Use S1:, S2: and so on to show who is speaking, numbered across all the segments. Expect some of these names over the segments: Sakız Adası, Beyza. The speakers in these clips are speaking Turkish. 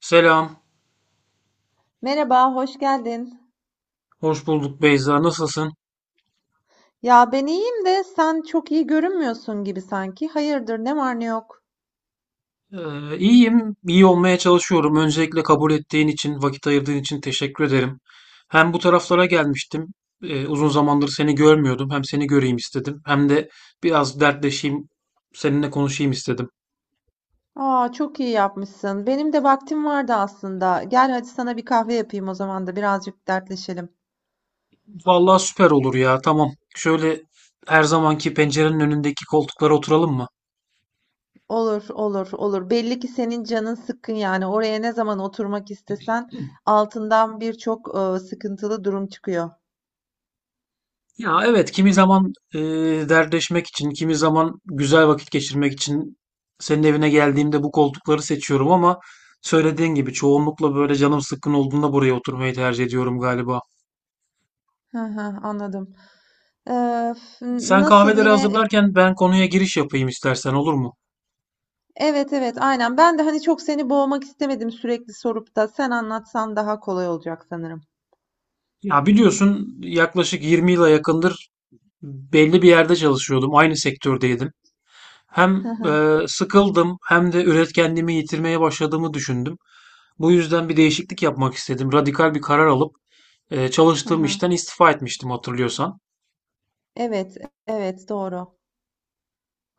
S1: Selam,
S2: Merhaba, hoş geldin.
S1: hoş bulduk Beyza. Nasılsın?
S2: Ya ben iyiyim de sen çok iyi görünmüyorsun gibi sanki. Hayırdır, ne var ne yok.
S1: İyiyim, iyi olmaya çalışıyorum. Öncelikle kabul ettiğin için, vakit ayırdığın için teşekkür ederim. Hem bu taraflara gelmiştim. Uzun zamandır seni görmüyordum. Hem seni göreyim istedim, hem de biraz dertleşeyim, seninle konuşayım istedim.
S2: Aa, çok iyi yapmışsın. Benim de vaktim vardı aslında. Gel hadi sana bir kahve yapayım o zaman da birazcık dertleşelim.
S1: Vallahi süper olur ya, tamam. Şöyle her zamanki pencerenin önündeki koltuklara oturalım mı?
S2: Olur, olur, olur. Belli ki senin canın sıkkın yani. Oraya ne zaman oturmak istesen altından birçok sıkıntılı durum çıkıyor.
S1: Ya evet, kimi zaman dertleşmek için, kimi zaman güzel vakit geçirmek için senin evine geldiğimde bu koltukları seçiyorum, ama söylediğin gibi çoğunlukla böyle canım sıkkın olduğunda buraya oturmayı tercih ediyorum galiba.
S2: Hı hı, anladım. Ee, f-
S1: Sen
S2: nasıl
S1: kahveleri
S2: yine e,
S1: hazırlarken ben konuya giriş yapayım istersen, olur mu?
S2: Evet, evet, aynen. Ben de, hani, çok seni boğmak istemedim sürekli sorup da. Sen anlatsan daha kolay olacak sanırım.
S1: Ya biliyorsun, yaklaşık 20 yıla yakındır belli bir yerde çalışıyordum. Aynı sektördeydim. Hem,
S2: Hı hı.
S1: sıkıldım, hem de üretkenliğimi yitirmeye başladığımı düşündüm. Bu yüzden bir değişiklik yapmak istedim. Radikal bir karar alıp,
S2: Hı
S1: çalıştığım
S2: hı.
S1: işten istifa etmiştim, hatırlıyorsan.
S2: Evet, evet, doğru.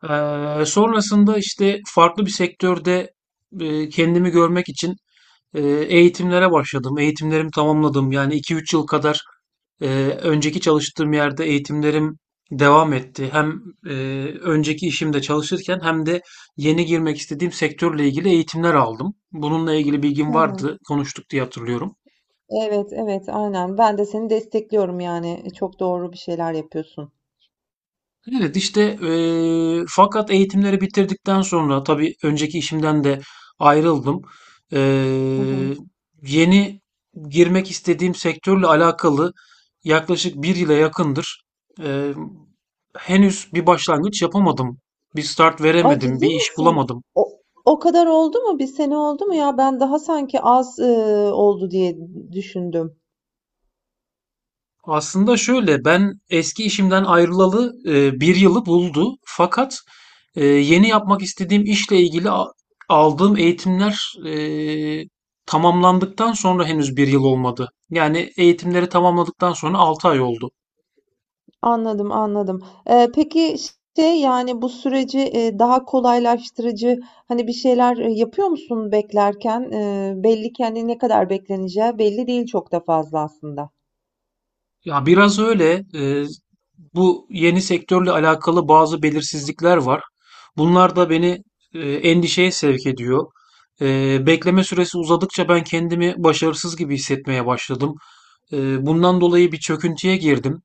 S1: Sonrasında işte farklı bir sektörde, kendimi görmek için e, eğitimlere başladım. Eğitimlerimi tamamladım. Yani iki üç yıl kadar e, önceki çalıştığım yerde eğitimlerim devam etti. Hem e, önceki işimde çalışırken, hem de yeni girmek istediğim sektörle ilgili eğitimler aldım. Bununla ilgili
S2: Hı
S1: bilgim
S2: hı.
S1: vardı. Konuştuk diye hatırlıyorum.
S2: Evet, evet, aynen. Ben de seni destekliyorum, yani, çok doğru bir şeyler yapıyorsun.
S1: Evet, işte fakat eğitimleri bitirdikten sonra tabii önceki işimden de ayrıldım.
S2: Hı
S1: Eee,
S2: hı.
S1: yeni girmek istediğim sektörle alakalı yaklaşık bir yıla yakındır eee, henüz bir başlangıç yapamadım. Bir start
S2: Ay,
S1: veremedim, bir
S2: ciddi
S1: iş
S2: misin?
S1: bulamadım.
S2: O o kadar oldu mu? Bir sene oldu mu ya? Ben daha sanki az, oldu diye düşündüm.
S1: Aslında şöyle, ben eski işimden ayrılalı bir yılı buldu. Fakat yeni yapmak istediğim işle ilgili aldığım eğitimler tamamlandıktan sonra henüz bir yıl olmadı. Yani eğitimleri tamamladıktan sonra 6 ay oldu.
S2: Anladım, anladım. Peki, şey, yani, bu süreci, daha kolaylaştırıcı, hani, bir şeyler, yapıyor musun beklerken? Belli ki, hani, ne kadar bekleneceği belli değil çok da fazla aslında.
S1: Ya biraz öyle. Bu yeni sektörle alakalı bazı belirsizlikler var. Bunlar da beni endişeye sevk ediyor. Bekleme süresi uzadıkça ben kendimi başarısız gibi hissetmeye başladım. Bundan dolayı bir çöküntüye girdim.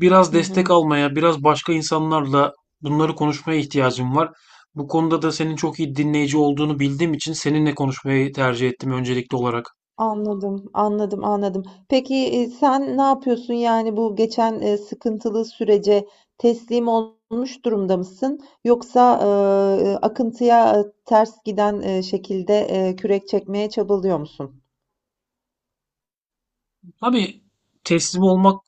S1: Biraz
S2: Hı
S1: destek
S2: hı.
S1: almaya, biraz başka insanlarla bunları konuşmaya ihtiyacım var. Bu konuda da senin çok iyi dinleyici olduğunu bildiğim için seninle konuşmayı tercih ettim öncelikli olarak.
S2: Anladım, anladım, anladım. Peki, sen ne yapıyorsun? Yani bu geçen, sıkıntılı sürece teslim olmuş durumda mısın? Yoksa, akıntıya, ters giden, şekilde, kürek çekmeye çabalıyor musun?
S1: Tabii, teslim olmak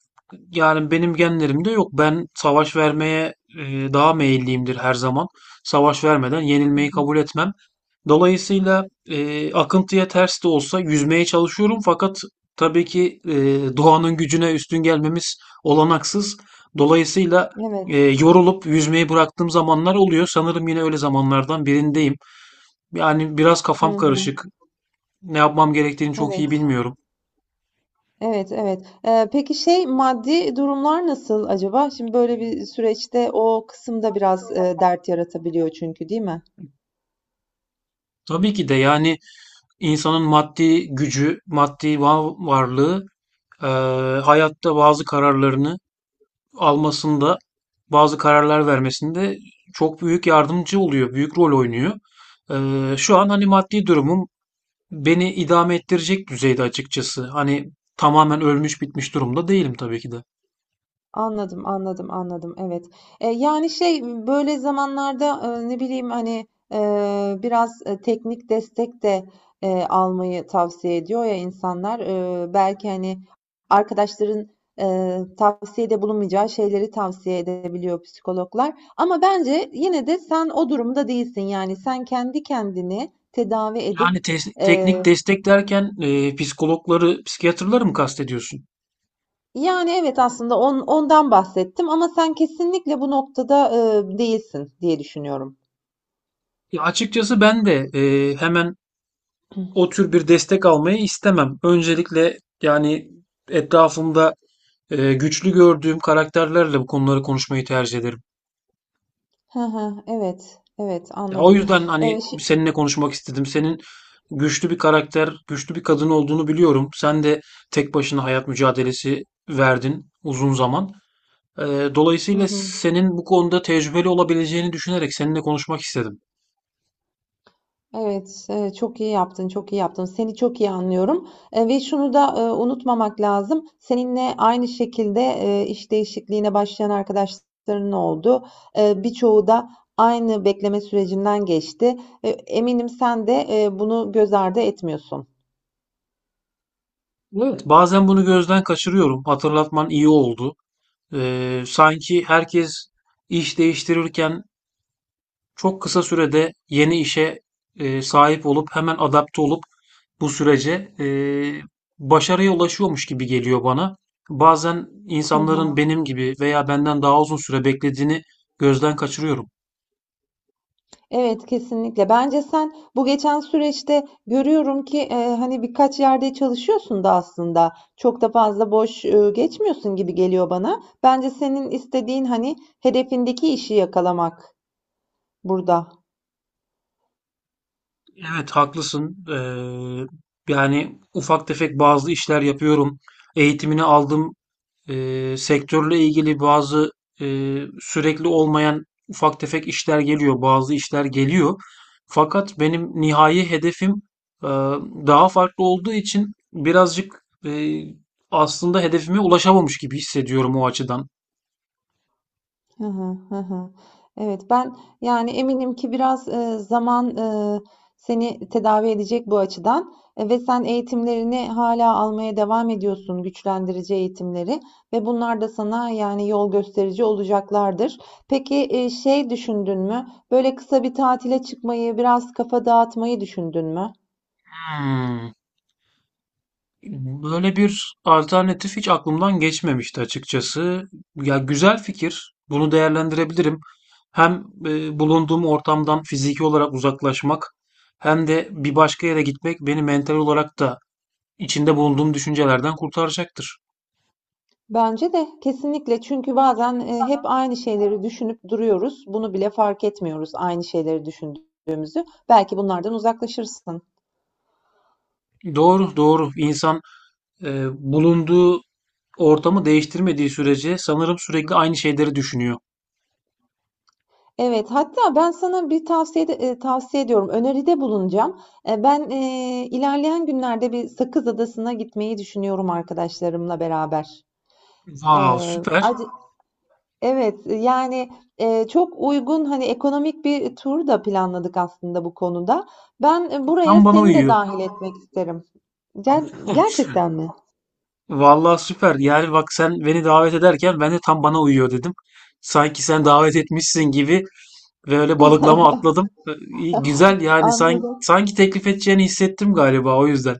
S1: yani benim genlerimde yok. Ben savaş vermeye e, daha meyilliyimdir her zaman. Savaş vermeden
S2: Hı
S1: yenilmeyi
S2: hı.
S1: kabul etmem. Dolayısıyla akıntıya ters de olsa yüzmeye çalışıyorum, fakat tabii ki doğanın gücüne üstün gelmemiz olanaksız. Dolayısıyla
S2: Evet.
S1: yorulup yüzmeyi bıraktığım zamanlar oluyor. Sanırım yine öyle zamanlardan birindeyim. Yani biraz
S2: Hı
S1: kafam
S2: hı.
S1: karışık. Ne yapmam gerektiğini çok
S2: Evet.
S1: iyi bilmiyorum.
S2: Evet, evet. Peki şey, maddi durumlar nasıl acaba? Şimdi böyle bir süreçte o kısımda biraz, dert yaratabiliyor çünkü, değil mi?
S1: Tabii ki de, yani İnsanın maddi gücü, maddi varlığı hayatta bazı kararlarını almasında, bazı kararlar vermesinde çok büyük yardımcı oluyor, büyük rol oynuyor. Şu an hani maddi durumum beni idame ettirecek düzeyde açıkçası. Hani tamamen ölmüş bitmiş durumda değilim tabii ki de.
S2: Anladım, anladım, anladım. Evet. Yani, şey, böyle zamanlarda, ne bileyim, hani, biraz, teknik destek de, almayı tavsiye ediyor ya insanlar. Belki, hani, arkadaşların, tavsiyede bulunmayacağı şeyleri tavsiye edebiliyor psikologlar. Ama bence yine de sen o durumda değilsin. Yani, sen kendi kendini tedavi edip,
S1: Yani teknik
S2: eee,
S1: destek derken psikologları, psikiyatrları mı kastediyorsun?
S2: Yani, evet, aslında ondan bahsettim ama sen kesinlikle bu noktada, değilsin diye düşünüyorum.
S1: Ya açıkçası ben de hemen o tür bir destek almayı istemem. Öncelikle yani etrafımda güçlü gördüğüm karakterlerle bu konuları konuşmayı tercih ederim.
S2: Hı hı. Evet, evet,
S1: Ya, o
S2: anladım.
S1: yüzden hani
S2: Şi
S1: seninle konuşmak istedim. Senin güçlü bir karakter, güçlü bir kadın olduğunu biliyorum. Sen de tek başına hayat mücadelesi verdin uzun zaman. Ee,
S2: Hı
S1: dolayısıyla
S2: hı.
S1: senin bu konuda tecrübeli olabileceğini düşünerek seninle konuşmak istedim.
S2: Evet, evet, çok iyi yaptın, çok iyi yaptın. Seni çok iyi anlıyorum, ve şunu da, unutmamak lazım. Seninle aynı şekilde, iş değişikliğine başlayan arkadaşların oldu. Birçoğu da aynı bekleme sürecinden geçti. Eminim sen de, bunu göz ardı etmiyorsun.
S1: Bazen bunu gözden kaçırıyorum. Hatırlatman iyi oldu. Sanki herkes iş değiştirirken çok kısa sürede yeni işe sahip olup hemen adapte olup bu sürece başarıya ulaşıyormuş gibi geliyor bana. Bazen
S2: Hı
S1: insanların
S2: hı.
S1: benim gibi veya benden daha uzun süre beklediğini gözden kaçırıyorum.
S2: Evet, kesinlikle. Bence sen bu geçen süreçte görüyorum ki, hani, birkaç yerde çalışıyorsun da aslında. Çok da fazla boş, geçmiyorsun gibi geliyor bana. Bence senin istediğin, hani, hedefindeki işi yakalamak burada.
S1: Evet, haklısın. Yani ufak tefek bazı işler yapıyorum. Eğitimini aldım. Sektörle ilgili bazı sürekli olmayan ufak tefek işler geliyor, bazı işler geliyor. Fakat benim nihai hedefim eee, daha farklı olduğu için birazcık aslında hedefime ulaşamamış gibi hissediyorum o açıdan.
S2: Hı hı, hı hı. Evet, ben yani eminim ki biraz zaman seni tedavi edecek bu açıdan ve sen eğitimlerini hala almaya devam ediyorsun, güçlendirici eğitimleri ve bunlar da sana yani yol gösterici olacaklardır. Peki şey düşündün mü? Böyle kısa bir tatile çıkmayı, biraz kafa dağıtmayı düşündün mü?
S1: Hmm. Böyle bir alternatif hiç aklımdan geçmemişti açıkçası. Ya, güzel fikir. Bunu değerlendirebilirim. Hem bulunduğum ortamdan fiziki olarak uzaklaşmak, hem de bir başka yere gitmek beni mental olarak da içinde bulunduğum düşüncelerden kurtaracaktır.
S2: Bence de kesinlikle çünkü bazen, hep aynı şeyleri düşünüp duruyoruz. Bunu bile fark etmiyoruz aynı şeyleri düşündüğümüzü. Belki bunlardan uzaklaşırsın.
S1: Doğru, doğru. İnsan e, bulunduğu ortamı değiştirmediği sürece sanırım sürekli aynı şeyleri düşünüyor.
S2: Evet, hatta ben sana bir tavsiyede, tavsiye ediyorum, öneride bulunacağım. Ben, ilerleyen günlerde bir Sakız Adası'na gitmeyi düşünüyorum arkadaşlarımla beraber.
S1: Vav, süper.
S2: Ac Evet, yani, çok uygun, hani, ekonomik bir tur da planladık aslında bu konuda. Ben, buraya
S1: Tam bana
S2: seni de
S1: uyuyor.
S2: dahil etmek isterim. Ger gerçekten mi?
S1: Vallahi süper. Yani bak, sen beni davet ederken ben de tam bana uyuyor dedim. Sanki sen davet etmişsin gibi ve öyle balıklama atladım. İyi, güzel, yani sanki,
S2: Anladım.
S1: sanki teklif edeceğini hissettim galiba o yüzden.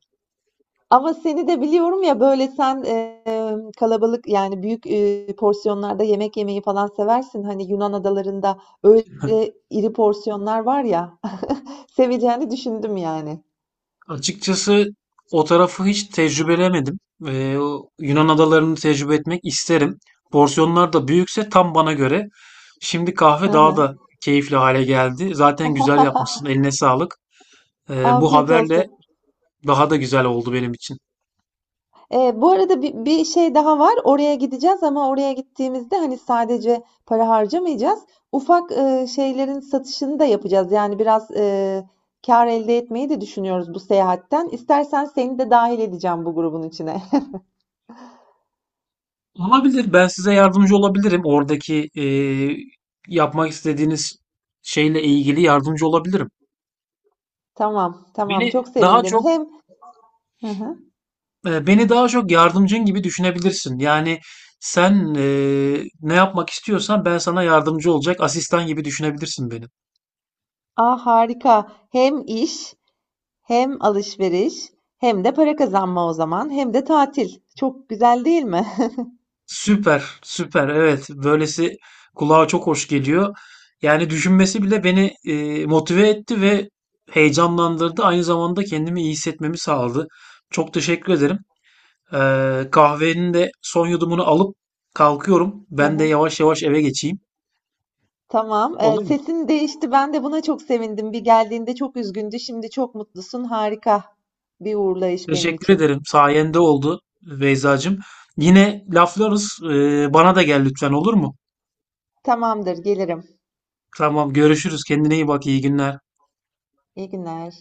S2: Ama seni de biliyorum ya, böyle, sen, kalabalık, yani, büyük, porsiyonlarda yemek yemeyi falan seversin. Hani, Yunan adalarında öyle iri porsiyonlar var ya, seveceğini düşündüm yani.
S1: Açıkçası o tarafı hiç tecrübelemedim. O Yunan adalarını tecrübe etmek isterim. Porsiyonlar da büyükse tam bana göre. Şimdi
S2: Hı
S1: kahve daha da
S2: hı.
S1: keyifli hale geldi. Zaten güzel yapmışsın. Eline sağlık. Bu
S2: Afiyet
S1: haberle
S2: olsun.
S1: daha da güzel oldu benim için.
S2: Bu arada bir şey daha var. Oraya gideceğiz ama oraya gittiğimizde, hani, sadece para harcamayacağız. Ufak, şeylerin satışını da yapacağız. Yani biraz, kâr elde etmeyi de düşünüyoruz bu seyahatten. İstersen seni de dahil edeceğim bu grubun içine.
S1: Olabilir. Ben size yardımcı olabilirim. Oradaki yapmak istediğiniz şeyle ilgili yardımcı olabilirim.
S2: Tamam, tamam.
S1: Beni
S2: Çok
S1: daha
S2: sevindim.
S1: çok
S2: Hem Hı hı.
S1: beni daha çok yardımcın gibi düşünebilirsin. Yani sen ne yapmak istiyorsan ben sana yardımcı olacak asistan gibi düşünebilirsin beni.
S2: A, harika. Hem iş, hem alışveriş, hem de para kazanma o zaman, hem de tatil. Çok güzel değil mi?
S1: Süper, süper. Evet, böylesi kulağa çok hoş geliyor. Yani düşünmesi bile beni motive etti ve heyecanlandırdı. Aynı zamanda kendimi iyi hissetmemi sağladı. Çok teşekkür ederim. Kahvenin de son yudumunu alıp kalkıyorum.
S2: Hı
S1: Ben de
S2: hı.
S1: yavaş yavaş eve geçeyim.
S2: Tamam.
S1: Olur mu?
S2: Sesin değişti. Ben de buna çok sevindim. Bir geldiğinde çok üzgündü. Şimdi çok mutlusun. Harika bir uğurlayış benim
S1: Teşekkür ederim.
S2: için.
S1: Sayende oldu, Beyzacığım. Yine laflarız. Bana da gel lütfen, olur mu?
S2: Tamamdır, gelirim.
S1: Tamam, görüşürüz. Kendine iyi bak. İyi günler.
S2: İyi günler.